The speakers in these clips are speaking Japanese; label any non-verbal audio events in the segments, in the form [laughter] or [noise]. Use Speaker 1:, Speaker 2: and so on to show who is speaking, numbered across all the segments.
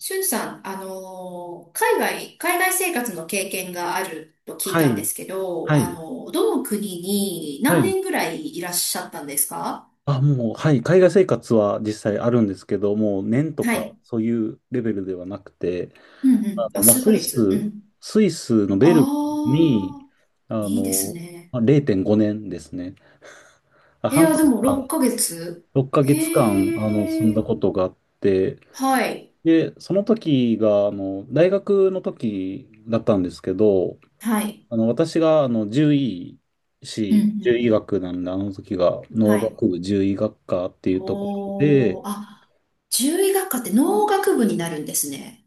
Speaker 1: しゅんさん、海外、海外生活の経験があると聞い
Speaker 2: は
Speaker 1: たん
Speaker 2: い、
Speaker 1: ですけど、
Speaker 2: は
Speaker 1: あ
Speaker 2: い、
Speaker 1: のどの国に
Speaker 2: は
Speaker 1: 何
Speaker 2: い。
Speaker 1: 年ぐらいいらっしゃったんですか？
Speaker 2: あ、もう、はい。海外生活は実際あるんですけど、もう年と
Speaker 1: は
Speaker 2: か
Speaker 1: い。
Speaker 2: そういうレベルではなくて、
Speaker 1: うんうん。あ、
Speaker 2: まあ、
Speaker 1: 数ヶ月。うん。
Speaker 2: スイスの
Speaker 1: あ
Speaker 2: ベルンに、
Speaker 1: あ、
Speaker 2: あ
Speaker 1: いいです
Speaker 2: の、
Speaker 1: ね。
Speaker 2: まあ、0.5年ですね。あ、
Speaker 1: い
Speaker 2: 半
Speaker 1: や、
Speaker 2: 年
Speaker 1: でも6
Speaker 2: 間、
Speaker 1: ヶ月。
Speaker 2: 6ヶ月間、住
Speaker 1: へ
Speaker 2: んだ
Speaker 1: え。
Speaker 2: ことがあって、
Speaker 1: はい。
Speaker 2: で、その時が、大学の時だったんですけど、
Speaker 1: はい。
Speaker 2: 私が、
Speaker 1: うんう
Speaker 2: 獣医
Speaker 1: ん。
Speaker 2: 学なんで、あの時が、農
Speaker 1: はい。
Speaker 2: 学部獣医学科っていうところで、
Speaker 1: おー、あ、獣医学科って農学部になるんですね。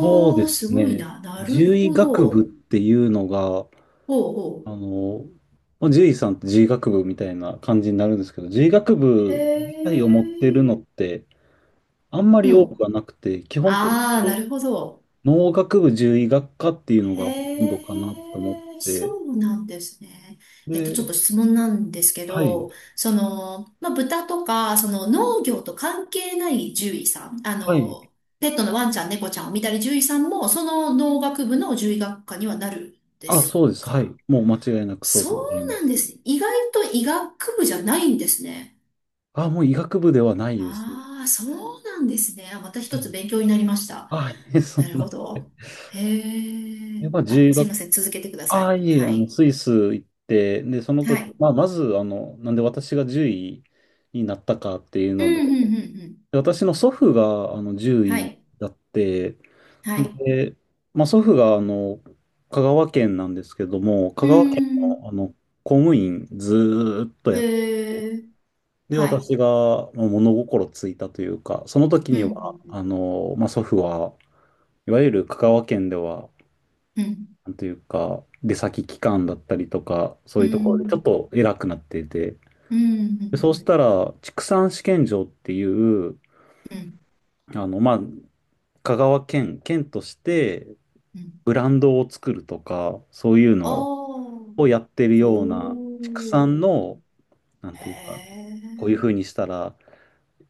Speaker 2: そうで
Speaker 1: ー、す
Speaker 2: す
Speaker 1: ごい
Speaker 2: ね、
Speaker 1: な。なる
Speaker 2: 獣医
Speaker 1: ほ
Speaker 2: 学部っ
Speaker 1: ど。
Speaker 2: ていうのが、
Speaker 1: ほう
Speaker 2: あ
Speaker 1: ほ
Speaker 2: の、まあ、獣医さんって獣医学部みたいな感じになるんですけど、獣医学
Speaker 1: へ
Speaker 2: 部自体を持ってる
Speaker 1: え。
Speaker 2: のって、あんま
Speaker 1: う
Speaker 2: り多く
Speaker 1: ん。
Speaker 2: はなくて、基本的
Speaker 1: あ
Speaker 2: に
Speaker 1: あ、なるほど。
Speaker 2: 農学部獣医学科っていうのがほとん
Speaker 1: へ
Speaker 2: どかなと思っ
Speaker 1: え、
Speaker 2: て、
Speaker 1: そうなんですね。ちょっ
Speaker 2: で、
Speaker 1: と質問なんですけ
Speaker 2: はい、
Speaker 1: ど、豚とか、その農業と関係ない獣医さん、
Speaker 2: はい、
Speaker 1: ペットのワンちゃん、猫ちゃんを見たり獣医さんも、その農学部の獣医学科にはなるんで
Speaker 2: あ、
Speaker 1: す
Speaker 2: そうです、はい、
Speaker 1: か？
Speaker 2: もう間違いなくそう
Speaker 1: そ
Speaker 2: と思
Speaker 1: う
Speaker 2: いま
Speaker 1: なん
Speaker 2: す。
Speaker 1: です。意外と医学部じゃないんですね。
Speaker 2: あ、もう医学部ではないですね。
Speaker 1: ああ、そうなんですね。あ、また一
Speaker 2: は
Speaker 1: つ
Speaker 2: い。
Speaker 1: 勉強になりました。
Speaker 2: あ、いえ、そ
Speaker 1: な
Speaker 2: ん
Speaker 1: る
Speaker 2: な。
Speaker 1: ほ
Speaker 2: [laughs] は
Speaker 1: ど。
Speaker 2: い。
Speaker 1: へえ。
Speaker 2: まあ、自
Speaker 1: あ、
Speaker 2: 由
Speaker 1: すい
Speaker 2: 学、
Speaker 1: ません。続けてくださ
Speaker 2: あ、
Speaker 1: い。
Speaker 2: いえ、
Speaker 1: はい。
Speaker 2: スイス行って、で、その
Speaker 1: は
Speaker 2: 時、
Speaker 1: い。
Speaker 2: まあ、まず、なんで私が獣医になったかっていう
Speaker 1: う
Speaker 2: の
Speaker 1: ん、
Speaker 2: で、
Speaker 1: うん、うん、うん。
Speaker 2: で私の祖父が、獣
Speaker 1: は
Speaker 2: 医
Speaker 1: い。
Speaker 2: だって、
Speaker 1: はい。
Speaker 2: で、まあ、祖父が、香川県なんですけども、香
Speaker 1: うー
Speaker 2: 川県の、
Speaker 1: ん。
Speaker 2: 公務員ずーっとやって、
Speaker 1: へえ。
Speaker 2: で、
Speaker 1: はい。
Speaker 2: 私がまあ物心ついたというか、その時
Speaker 1: う
Speaker 2: には、
Speaker 1: ん、
Speaker 2: まあ、祖父は、いわゆる香川県では、
Speaker 1: うん、うん。
Speaker 2: なんというか、出先機関だったりとか、そ
Speaker 1: う
Speaker 2: ういうところでちょっ
Speaker 1: ん。
Speaker 2: と偉くなっていて、
Speaker 1: うん、う
Speaker 2: で、そうし
Speaker 1: ん、
Speaker 2: たら、畜産試験場っていう、
Speaker 1: うん。うん、うん。
Speaker 2: まあ、香川県、県として
Speaker 1: うん
Speaker 2: ブランドを作るとか、そういうの
Speaker 1: ああ
Speaker 2: をやってる
Speaker 1: ほ
Speaker 2: ような、畜産
Speaker 1: う。
Speaker 2: の、なん
Speaker 1: へ
Speaker 2: ていうか、こういうふう
Speaker 1: え。
Speaker 2: にしたら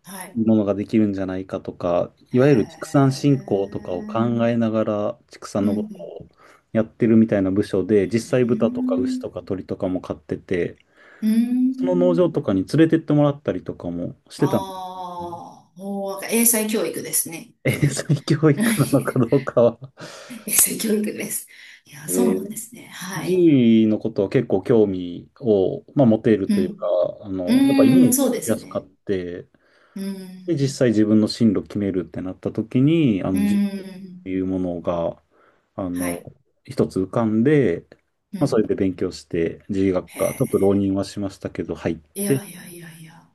Speaker 1: はい。
Speaker 2: ものができるんじゃないかとか、い
Speaker 1: へ
Speaker 2: わゆる畜産振興とかを考
Speaker 1: え。
Speaker 2: えながら畜産
Speaker 1: うん、
Speaker 2: の
Speaker 1: う
Speaker 2: ことを
Speaker 1: ん。
Speaker 2: やってるみたいな部署
Speaker 1: う
Speaker 2: で、実際
Speaker 1: ー
Speaker 2: 豚とか牛と
Speaker 1: ん
Speaker 2: か鳥とかも飼ってて、
Speaker 1: うー
Speaker 2: その農場
Speaker 1: ん。
Speaker 2: とかに連れてってもらったりとかもしてたんですよね。
Speaker 1: ああ、もう、英才教育ですね。きっ
Speaker 2: 英
Speaker 1: とね。
Speaker 2: 才 [laughs] 教
Speaker 1: [laughs]
Speaker 2: 育なのかどうかは。
Speaker 1: 英才教育です。いや、そうなんですね。は
Speaker 2: 獣
Speaker 1: い。
Speaker 2: 医のことは結構興味を、まあ、持てる
Speaker 1: う
Speaker 2: というか、
Speaker 1: ん。う
Speaker 2: やっぱイメージ
Speaker 1: ーん、
Speaker 2: 引し
Speaker 1: そうで
Speaker 2: や
Speaker 1: す
Speaker 2: すかっ
Speaker 1: ね。
Speaker 2: て、
Speaker 1: うー
Speaker 2: で、実
Speaker 1: ん。
Speaker 2: 際自分の進路決めるってなった時に、
Speaker 1: うー
Speaker 2: い
Speaker 1: ん。
Speaker 2: うものが、あ
Speaker 1: は
Speaker 2: の、
Speaker 1: い。
Speaker 2: 一つ浮かんで、
Speaker 1: う
Speaker 2: まあ、それで
Speaker 1: ん。
Speaker 2: 勉強して、獣医学
Speaker 1: へ
Speaker 2: 科、ちょっと浪人
Speaker 1: え。
Speaker 2: はしましたけど、入っ
Speaker 1: い
Speaker 2: て、
Speaker 1: やいやいやいや。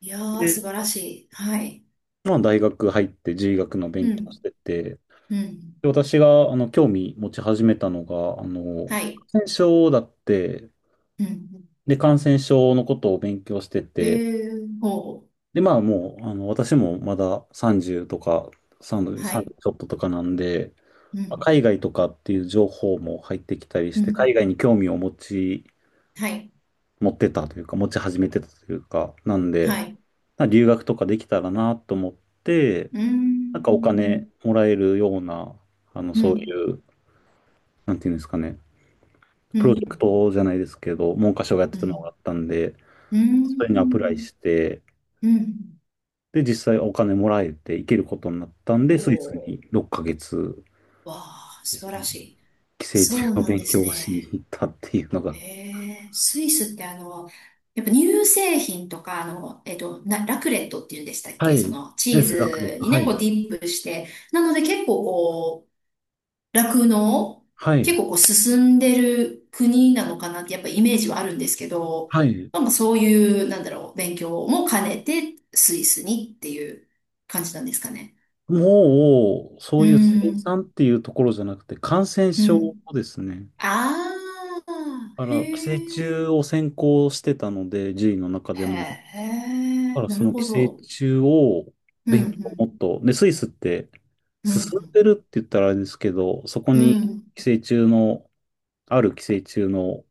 Speaker 1: いやー、素晴
Speaker 2: で
Speaker 1: らしい。はい。
Speaker 2: まあ、大学入って獣医学の勉
Speaker 1: う
Speaker 2: 強
Speaker 1: ん。
Speaker 2: してて、
Speaker 1: うん。
Speaker 2: で私が、興味持ち始めたのが、
Speaker 1: はい。
Speaker 2: 感染症だって、
Speaker 1: うん。
Speaker 2: で、感染症のことを勉強して
Speaker 1: へ
Speaker 2: て、
Speaker 1: え、ほう。
Speaker 2: で、まあ、もう、私もまだ30とか、30、
Speaker 1: は
Speaker 2: 3ち
Speaker 1: い。
Speaker 2: ょっととかなんで、
Speaker 1: う
Speaker 2: まあ
Speaker 1: ん。
Speaker 2: 海外とかっていう情報も入ってきたり
Speaker 1: う
Speaker 2: して、海
Speaker 1: ん。
Speaker 2: 外に興味を
Speaker 1: はい。
Speaker 2: 持ってたというか、持ち始めてたというか、なんで、
Speaker 1: はい。
Speaker 2: なんか留学とかできたらなと思って、
Speaker 1: うー
Speaker 2: なんかお金
Speaker 1: ん。
Speaker 2: もらえるような、
Speaker 1: う
Speaker 2: そうい
Speaker 1: ん。
Speaker 2: う、なんていうんですかね、
Speaker 1: う
Speaker 2: プロジェク
Speaker 1: ん。
Speaker 2: トじゃないですけど、文科省がやっ
Speaker 1: う
Speaker 2: てたのがあ
Speaker 1: ん。
Speaker 2: ったんで、
Speaker 1: うー
Speaker 2: それにアプライ
Speaker 1: ん。
Speaker 2: して、
Speaker 1: うん。
Speaker 2: で、実際お金もらえて行けることになったん
Speaker 1: お
Speaker 2: で、スイス
Speaker 1: ー。
Speaker 2: に6ヶ月
Speaker 1: わあ、
Speaker 2: で
Speaker 1: 素
Speaker 2: す
Speaker 1: 晴
Speaker 2: ね、
Speaker 1: らしい。
Speaker 2: 寄生
Speaker 1: そ
Speaker 2: 虫
Speaker 1: う
Speaker 2: の
Speaker 1: なん
Speaker 2: 勉
Speaker 1: です
Speaker 2: 強をしに
Speaker 1: ね。
Speaker 2: 行ったっていうのが。
Speaker 1: へえ、スイスってやっぱ乳製品とか、ラクレットっていうんでしたっ
Speaker 2: は
Speaker 1: け、そ
Speaker 2: い。
Speaker 1: の、チー
Speaker 2: 数学で。
Speaker 1: ズに
Speaker 2: は
Speaker 1: ね、こ
Speaker 2: い。
Speaker 1: うディップして。なので結構こう、酪農
Speaker 2: は
Speaker 1: 結
Speaker 2: い。
Speaker 1: 構こう進んでる国なのかなってやっぱイメージはあるんですけど、
Speaker 2: はい。
Speaker 1: まあ、そういう、なんだろう、勉強も兼ねてスイスにっていう感じなんですかね？
Speaker 2: もう、そ
Speaker 1: うー
Speaker 2: ういう生
Speaker 1: ん。
Speaker 2: 産っていうところじゃなくて、感染
Speaker 1: う
Speaker 2: 症
Speaker 1: ん。
Speaker 2: ですね。
Speaker 1: ああ、
Speaker 2: だか
Speaker 1: へ
Speaker 2: ら、寄生虫
Speaker 1: え、
Speaker 2: を専攻してたので、獣医の中で
Speaker 1: へ
Speaker 2: も。だか
Speaker 1: え、
Speaker 2: ら、
Speaker 1: な
Speaker 2: そ
Speaker 1: る
Speaker 2: の寄
Speaker 1: ほ
Speaker 2: 生
Speaker 1: ど。
Speaker 2: 虫を
Speaker 1: う
Speaker 2: 勉強を
Speaker 1: ん、
Speaker 2: もっと、で、スイスって
Speaker 1: うん、う
Speaker 2: 進ん
Speaker 1: ん、
Speaker 2: でるって言ったらあれですけど、そこ
Speaker 1: う
Speaker 2: に
Speaker 1: ん、
Speaker 2: 寄生虫の、ある寄生虫の、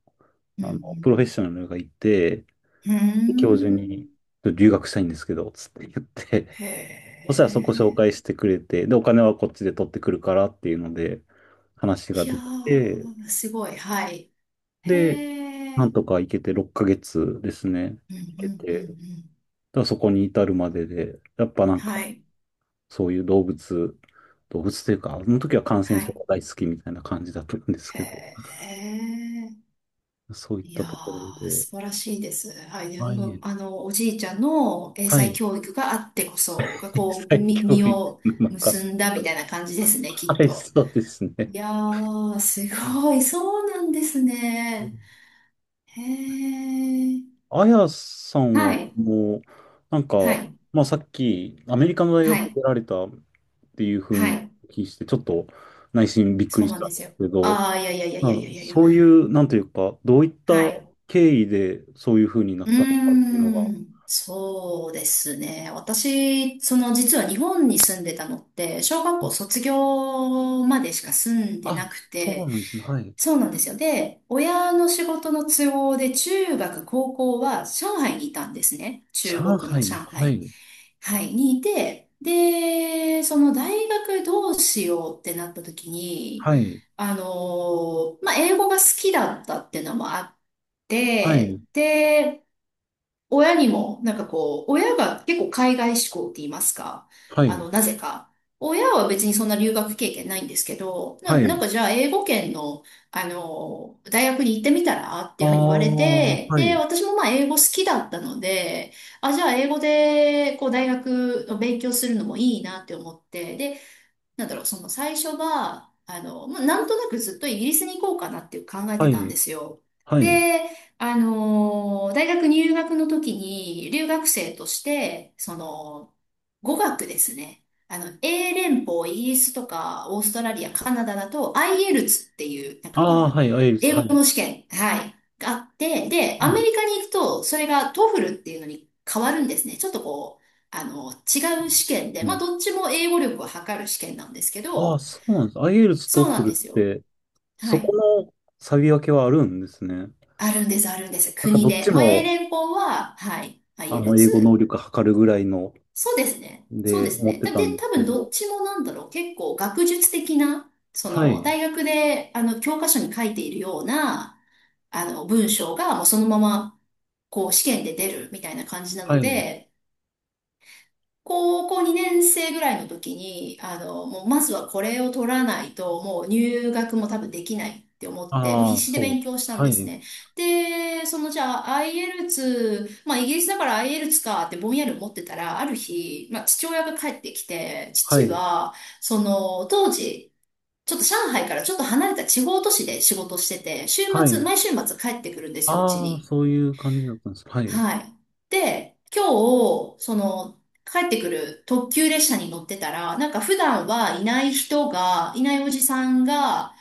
Speaker 1: う
Speaker 2: プロ
Speaker 1: ん、
Speaker 2: フェッショナルがいて、
Speaker 1: うん、う
Speaker 2: 教授に、
Speaker 1: ん、
Speaker 2: 留学したいんですけど、つって言って、
Speaker 1: へ
Speaker 2: そしたらそこ紹
Speaker 1: え、
Speaker 2: 介してくれて、で、お金はこっちで取ってくるからっていうので、話が
Speaker 1: いや
Speaker 2: できて、
Speaker 1: ー、すごい、はい。へ
Speaker 2: で、なん
Speaker 1: え、
Speaker 2: とか行けて6ヶ月ですね。
Speaker 1: うん、う
Speaker 2: 行
Speaker 1: ん、うん、
Speaker 2: け
Speaker 1: う
Speaker 2: て、だ
Speaker 1: ん、
Speaker 2: からそこに至るまでで、やっぱなん
Speaker 1: は
Speaker 2: か、
Speaker 1: い、
Speaker 2: そういう動物というか、あの時は感染
Speaker 1: は
Speaker 2: 症
Speaker 1: い、
Speaker 2: が大好きみたいな感じだったんですけど、
Speaker 1: へえ。
Speaker 2: そういっ
Speaker 1: い
Speaker 2: た
Speaker 1: や
Speaker 2: ところ
Speaker 1: ー、
Speaker 2: で、
Speaker 1: 素晴らしいです。はい。で
Speaker 2: は
Speaker 1: もう、
Speaker 2: い、
Speaker 1: おじいちゃんの英
Speaker 2: は
Speaker 1: 才
Speaker 2: い、
Speaker 1: 教育があってこそ、が
Speaker 2: [laughs]
Speaker 1: こう、
Speaker 2: 再
Speaker 1: み、
Speaker 2: 教
Speaker 1: 実
Speaker 2: 育
Speaker 1: を
Speaker 2: の中、
Speaker 1: 結んだみたいな感じですね、き
Speaker 2: は
Speaker 1: っ
Speaker 2: い、
Speaker 1: と。
Speaker 2: そうですね。
Speaker 1: いやー、す
Speaker 2: はい
Speaker 1: ごい。そうなんですね。へー。
Speaker 2: あやさん
Speaker 1: は
Speaker 2: は、
Speaker 1: い。
Speaker 2: もう、なんか、
Speaker 1: はい。
Speaker 2: まあ、さっき、アメリカの大
Speaker 1: は
Speaker 2: 学出
Speaker 1: い。
Speaker 2: られたっていうふう
Speaker 1: は
Speaker 2: に
Speaker 1: い。
Speaker 2: お聞きして、ちょっと内心びっく
Speaker 1: そう
Speaker 2: りし
Speaker 1: なん
Speaker 2: た
Speaker 1: で
Speaker 2: んで
Speaker 1: す
Speaker 2: す
Speaker 1: よ。
Speaker 2: けど、
Speaker 1: あー、いやいやいやい
Speaker 2: まあ、
Speaker 1: やいやいや。
Speaker 2: そういう、なんというか、どういった
Speaker 1: はい。
Speaker 2: 経緯でそういうふうになったのかっていうのが、
Speaker 1: そうですね。私、その実は日本に住んでたのって、小学
Speaker 2: は
Speaker 1: 校
Speaker 2: い
Speaker 1: 卒業までしか住んでな
Speaker 2: あ、
Speaker 1: く
Speaker 2: そう
Speaker 1: て、
Speaker 2: なんですね。はい。
Speaker 1: そうなんですよ。で、親の仕事の都合で中学、高校は上海にいたんですね。中
Speaker 2: 上
Speaker 1: 国の
Speaker 2: 海に、
Speaker 1: 上
Speaker 2: は
Speaker 1: 海。
Speaker 2: い、
Speaker 1: はい、にいて、で、その大学どうしようってなった時に、
Speaker 2: はい、
Speaker 1: 英語が好きだったっていうのもあっ
Speaker 2: は
Speaker 1: て、
Speaker 2: い、
Speaker 1: で、親にも、なんかこう、親が結構海外志向って言いますか、
Speaker 2: はい、
Speaker 1: なぜか。親は別にそんな留学経験ないんですけど、
Speaker 2: は
Speaker 1: な、なん
Speaker 2: い。
Speaker 1: かじゃあ英語圏の、大学に行ってみたらって
Speaker 2: あ
Speaker 1: いうふうに言われ
Speaker 2: あ、
Speaker 1: て、
Speaker 2: は
Speaker 1: で、
Speaker 2: い、
Speaker 1: 私もまあ英語好きだったので、あ、じゃあ英語でこう大学を勉強するのもいいなって思って、で、なんだろう、その最初は、なんとなくずっとイギリスに行こうかなっていう考え
Speaker 2: は
Speaker 1: てたん
Speaker 2: い、
Speaker 1: ですよ。
Speaker 2: はい。
Speaker 1: で、大学入学の時に留学生として、その、語学ですね。あの、英連邦、イギリスとか、オーストラリア、カナダだと、IELTS っていう、なんかこ
Speaker 2: ああ、
Speaker 1: の、
Speaker 2: はい、アイエルス、
Speaker 1: 英
Speaker 2: は
Speaker 1: 語
Speaker 2: い、
Speaker 1: の試験、はい、があって、で、
Speaker 2: は
Speaker 1: アメ
Speaker 2: い。
Speaker 1: リカに行くと、それが TOEFL っていうのに変わるんですね。ちょっとこう、違う試験で、まあ、どっちも英語力を測る試験なんですけ
Speaker 2: ああ、
Speaker 1: ど、
Speaker 2: そうなんです。IELTS、
Speaker 1: そうなん
Speaker 2: TOEFL っ
Speaker 1: ですよ。
Speaker 2: て、
Speaker 1: は
Speaker 2: そ
Speaker 1: い。
Speaker 2: この差別分けはあるんですね。
Speaker 1: あるんです、あるんです。
Speaker 2: なんか
Speaker 1: 国
Speaker 2: どっち
Speaker 1: で。まあ、英
Speaker 2: も、
Speaker 1: 連邦は、はい、
Speaker 2: 英語能
Speaker 1: IELTS。
Speaker 2: 力測るぐらいの、
Speaker 1: そうですね。そう
Speaker 2: で、
Speaker 1: です
Speaker 2: 思っ
Speaker 1: ね。
Speaker 2: て
Speaker 1: で、
Speaker 2: たん
Speaker 1: で
Speaker 2: で
Speaker 1: 多
Speaker 2: すけ
Speaker 1: 分どっ
Speaker 2: ど。
Speaker 1: ちもなんだろう。結構学術的な、そ
Speaker 2: は
Speaker 1: の、
Speaker 2: い。
Speaker 1: 大学で、教科書に書いているような、文章が、もうそのまま、こう、試験で出るみたいな感じな
Speaker 2: は
Speaker 1: の
Speaker 2: い。
Speaker 1: で、高校2年生ぐらいの時に、もうまずはこれを取らないと、もう入学も多分できないって思って、もう
Speaker 2: あ
Speaker 1: 必
Speaker 2: あ、
Speaker 1: 死で
Speaker 2: そうで
Speaker 1: 勉強
Speaker 2: す。
Speaker 1: したん
Speaker 2: は
Speaker 1: です
Speaker 2: い。
Speaker 1: ね。で、そのじゃあ IELTS、まあイギリスだから IELTS かってぼんやり思ってたら、ある日、まあ父親が帰ってきて、
Speaker 2: は
Speaker 1: 父
Speaker 2: い。
Speaker 1: は、その当時、ちょっと上海からちょっと離れた地方都市で仕事してて、週
Speaker 2: は
Speaker 1: 末、
Speaker 2: い。
Speaker 1: 毎週末帰ってくるんですよ、うち
Speaker 2: ああ、
Speaker 1: に。
Speaker 2: そういう感じだったんです。はい。
Speaker 1: はい。で、今日、その、帰ってくる特急列車に乗ってたら、なんか普段はいない人が、いないおじさんが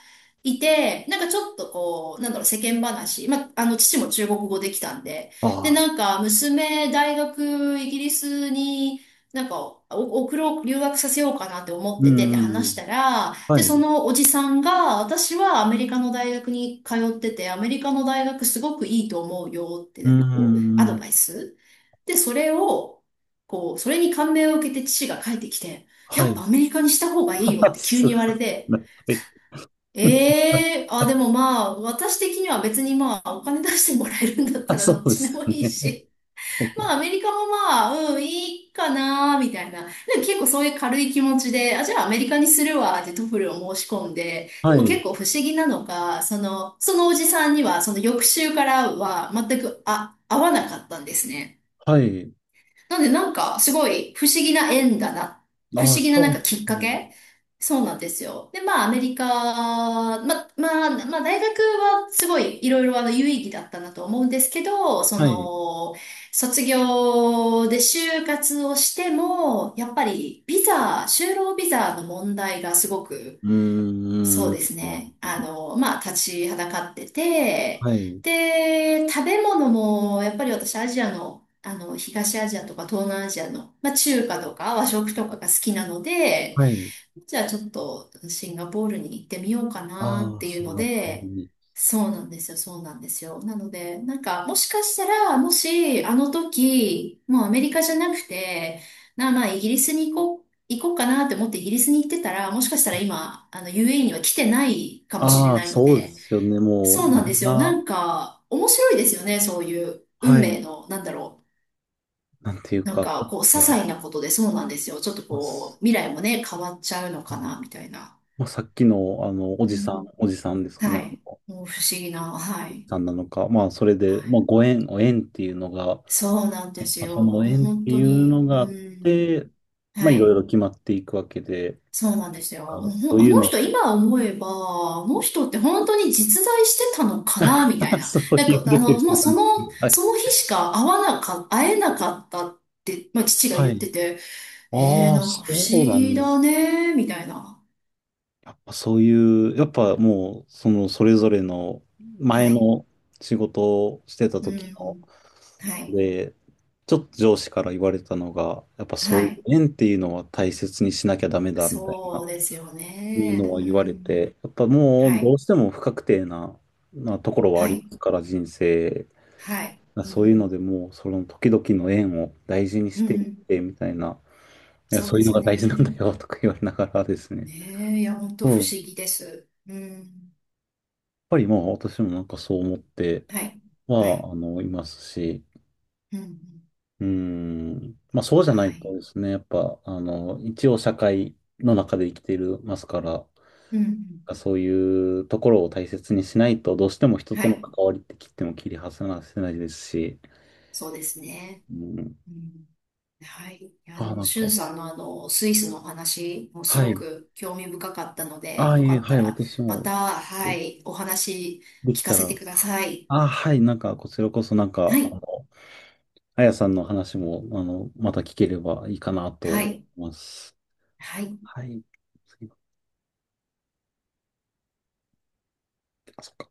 Speaker 1: いて、なんかちょっとこう、なんだろう、世間話。父も中国語できたんで。
Speaker 2: あ
Speaker 1: で、
Speaker 2: あ、
Speaker 1: なんか、娘、大学、イギリスに、なんか、お送ろう、留学させようかなって思っ
Speaker 2: う
Speaker 1: ててって
Speaker 2: ん。う
Speaker 1: 話し
Speaker 2: ん
Speaker 1: たら、
Speaker 2: は
Speaker 1: で、そ
Speaker 2: い。
Speaker 1: のおじさんが、私はアメリカの大学に通ってて、アメリカの大学すごくいいと思うよって、
Speaker 2: う
Speaker 1: なんかこう、アド
Speaker 2: ん。
Speaker 1: バイス。で、それを、こう、それに感銘を受けて父が帰ってきて、
Speaker 2: は
Speaker 1: やっ
Speaker 2: い。
Speaker 1: ぱアメリカにした方がいいよっ
Speaker 2: [laughs]
Speaker 1: て急に
Speaker 2: す
Speaker 1: 言われて、
Speaker 2: ごい。はい。
Speaker 1: ええーあ、で
Speaker 2: [laughs]
Speaker 1: もまあ、私的には別にまあ、お金出してもらえるんだっ
Speaker 2: あ、
Speaker 1: たら
Speaker 2: そ
Speaker 1: ど
Speaker 2: う
Speaker 1: っ
Speaker 2: で
Speaker 1: ちで
Speaker 2: す
Speaker 1: も
Speaker 2: よ
Speaker 1: いい
Speaker 2: ね。
Speaker 1: し、まあ、アメリカもまあ、うん、いいかな、みたいな。でも結構そういう軽い気持ちで、あ、じゃあアメリカにするわ、ってトフルを申し込んで、で
Speaker 2: は
Speaker 1: も
Speaker 2: い。
Speaker 1: 結構不思議なのが、その、そのおじさんには、その翌週からは全く、あ、合わなかったんですね。
Speaker 2: はい。
Speaker 1: なんでなんかすごい不思議な縁だな。不
Speaker 2: あ
Speaker 1: 思
Speaker 2: あ、
Speaker 1: 議なな
Speaker 2: そ
Speaker 1: ん
Speaker 2: う
Speaker 1: か
Speaker 2: で
Speaker 1: きっ
Speaker 2: す
Speaker 1: か
Speaker 2: ね。
Speaker 1: けそうなんですよ。で、まあアメリカ、ま、まあ、まあ大学はすごいいろいろあの有意義だったなと思うんですけど、そ
Speaker 2: はい。
Speaker 1: の、卒業で就活をしても、やっぱりビザ、就労ビザの問題がすごく
Speaker 2: うー
Speaker 1: そう
Speaker 2: ん。
Speaker 1: です
Speaker 2: う
Speaker 1: ね。
Speaker 2: ん
Speaker 1: 立ちはだかってて、
Speaker 2: はい。
Speaker 1: で、食べ物も、やっぱり私、アジアの、東アジアとか東南アジアの、まあ、中華とか和食とかが好きなので、
Speaker 2: はい。
Speaker 1: じゃあちょっとシンガポールに行ってみようかなっ
Speaker 2: ああ、
Speaker 1: ていう
Speaker 2: シン
Speaker 1: の
Speaker 2: ガポール
Speaker 1: で、
Speaker 2: に。
Speaker 1: そうなんですよ。なので、なんかもしかしたら、もしあの時、もうアメリカじゃなくて、まあイギリスに行こう、行こうかなって思ってイギリスに行ってたら、もしかしたら今、あの UAE には来てないかもしれ
Speaker 2: ああ、
Speaker 1: ないの
Speaker 2: そうで
Speaker 1: で、
Speaker 2: すよね。も
Speaker 1: そう
Speaker 2: う、
Speaker 1: なんで
Speaker 2: 何
Speaker 1: すよ。な
Speaker 2: が、
Speaker 1: んか面白いですよね、そういう運
Speaker 2: は
Speaker 1: 命
Speaker 2: い。
Speaker 1: の、なんだろう。
Speaker 2: なんていう
Speaker 1: な
Speaker 2: か、
Speaker 1: ん
Speaker 2: や
Speaker 1: か
Speaker 2: っ
Speaker 1: こう、些
Speaker 2: ぱ、
Speaker 1: 細なことでそうなんですよ。ちょっと
Speaker 2: まあ、
Speaker 1: こ
Speaker 2: す
Speaker 1: う、未来もね、変わっちゃうの
Speaker 2: は
Speaker 1: か
Speaker 2: い
Speaker 1: な、みたいな。
Speaker 2: まあさっきの、
Speaker 1: うん、
Speaker 2: おじさんですかね。
Speaker 1: は
Speaker 2: あの
Speaker 1: い。
Speaker 2: お
Speaker 1: もう不思議な、は
Speaker 2: じ
Speaker 1: い。
Speaker 2: さんなのか。まあ、それで、
Speaker 1: は
Speaker 2: まあ、
Speaker 1: い。
Speaker 2: お縁っていうのが、
Speaker 1: そうなんです
Speaker 2: まあ、
Speaker 1: よ。
Speaker 2: そ
Speaker 1: も
Speaker 2: の
Speaker 1: う
Speaker 2: 縁っ
Speaker 1: 本
Speaker 2: て
Speaker 1: 当
Speaker 2: いうの
Speaker 1: に、う
Speaker 2: があっ
Speaker 1: ん。
Speaker 2: て、まあ、
Speaker 1: は
Speaker 2: いろい
Speaker 1: い。
Speaker 2: ろ決まっていくわけで、
Speaker 1: そうなんですよ。
Speaker 2: あ、
Speaker 1: もうほ
Speaker 2: そ
Speaker 1: ん
Speaker 2: う
Speaker 1: あ
Speaker 2: いう
Speaker 1: の
Speaker 2: の、
Speaker 1: 人、今思えば、あの人って本当に実在してたのかな、みたい
Speaker 2: [laughs]
Speaker 1: な。
Speaker 2: そう
Speaker 1: なん
Speaker 2: いう
Speaker 1: か、
Speaker 2: レ
Speaker 1: あ
Speaker 2: ベ
Speaker 1: の、
Speaker 2: ル
Speaker 1: もうその、
Speaker 2: はい。
Speaker 1: その日しか会えなかったって、まあ、父が
Speaker 2: は
Speaker 1: 言っ
Speaker 2: い。
Speaker 1: てて、えー、
Speaker 2: ああ、
Speaker 1: なんか
Speaker 2: そ
Speaker 1: 不思
Speaker 2: うな
Speaker 1: 議
Speaker 2: んで
Speaker 1: だ
Speaker 2: すね
Speaker 1: ね、みたいな。
Speaker 2: やっぱそういう、やっぱもう、そのそれぞれの
Speaker 1: は
Speaker 2: 前
Speaker 1: い。
Speaker 2: の仕事をしてた
Speaker 1: う
Speaker 2: 時の、
Speaker 1: ん。はい。
Speaker 2: で、ちょっと上司から言われたのが、やっぱそうい
Speaker 1: は
Speaker 2: う
Speaker 1: い。
Speaker 2: 縁っていうのは大切にしなきゃダメだみたい
Speaker 1: そ
Speaker 2: な、
Speaker 1: うですよ
Speaker 2: いう
Speaker 1: ね。
Speaker 2: の
Speaker 1: う
Speaker 2: は言われ
Speaker 1: ん。
Speaker 2: て、やっぱもう
Speaker 1: は
Speaker 2: ど
Speaker 1: い。
Speaker 2: うしても不確定な、なところはあ
Speaker 1: は
Speaker 2: りま
Speaker 1: い。
Speaker 2: すから、人生。
Speaker 1: はい。う
Speaker 2: そういう
Speaker 1: ん。
Speaker 2: のでもう、その時々の縁を大事にし
Speaker 1: う
Speaker 2: ていっ
Speaker 1: ん。
Speaker 2: て、みたいな、いや、
Speaker 1: そう
Speaker 2: そう
Speaker 1: で
Speaker 2: いうの
Speaker 1: す
Speaker 2: が大
Speaker 1: ね。
Speaker 2: 事なんだよとか言われながらですね。
Speaker 1: ねえ、いや、本当
Speaker 2: うん
Speaker 1: 不
Speaker 2: や
Speaker 1: 思
Speaker 2: っ
Speaker 1: 議です。うん。
Speaker 2: ぱりまあ私もなんかそう思って、
Speaker 1: はい。はい。
Speaker 2: いますし、
Speaker 1: うん。
Speaker 2: うーん、まあそうじゃな
Speaker 1: は
Speaker 2: いと
Speaker 1: い。
Speaker 2: ですね、やっぱ、一応社会の中で生きていますから、
Speaker 1: うん。
Speaker 2: そういうところを大切にしないと、どうしても人
Speaker 1: は
Speaker 2: との
Speaker 1: い。
Speaker 2: 関わりって切っても切り離せないですし、
Speaker 1: そうですね。
Speaker 2: うん、
Speaker 1: うん。はい。いや、で
Speaker 2: ああ、な
Speaker 1: も、
Speaker 2: ん
Speaker 1: しゅん
Speaker 2: か、
Speaker 1: さんのスイスのお話もす
Speaker 2: は
Speaker 1: ご
Speaker 2: い、
Speaker 1: く興味深かったの
Speaker 2: あ
Speaker 1: で、
Speaker 2: あ、
Speaker 1: よ
Speaker 2: い
Speaker 1: か
Speaker 2: え、
Speaker 1: っ
Speaker 2: は
Speaker 1: た
Speaker 2: い、
Speaker 1: ら、
Speaker 2: 私
Speaker 1: ま
Speaker 2: も、
Speaker 1: た、はい、お話
Speaker 2: でき
Speaker 1: 聞か
Speaker 2: た
Speaker 1: せ
Speaker 2: ら、
Speaker 1: てください。
Speaker 2: ああ、はい、なんか、こちらこそ、なん
Speaker 1: は
Speaker 2: か、
Speaker 1: い。
Speaker 2: あやさんの話も、また聞ければいいかなと
Speaker 1: は
Speaker 2: 思
Speaker 1: い。
Speaker 2: います。
Speaker 1: はい。
Speaker 2: はい。すいません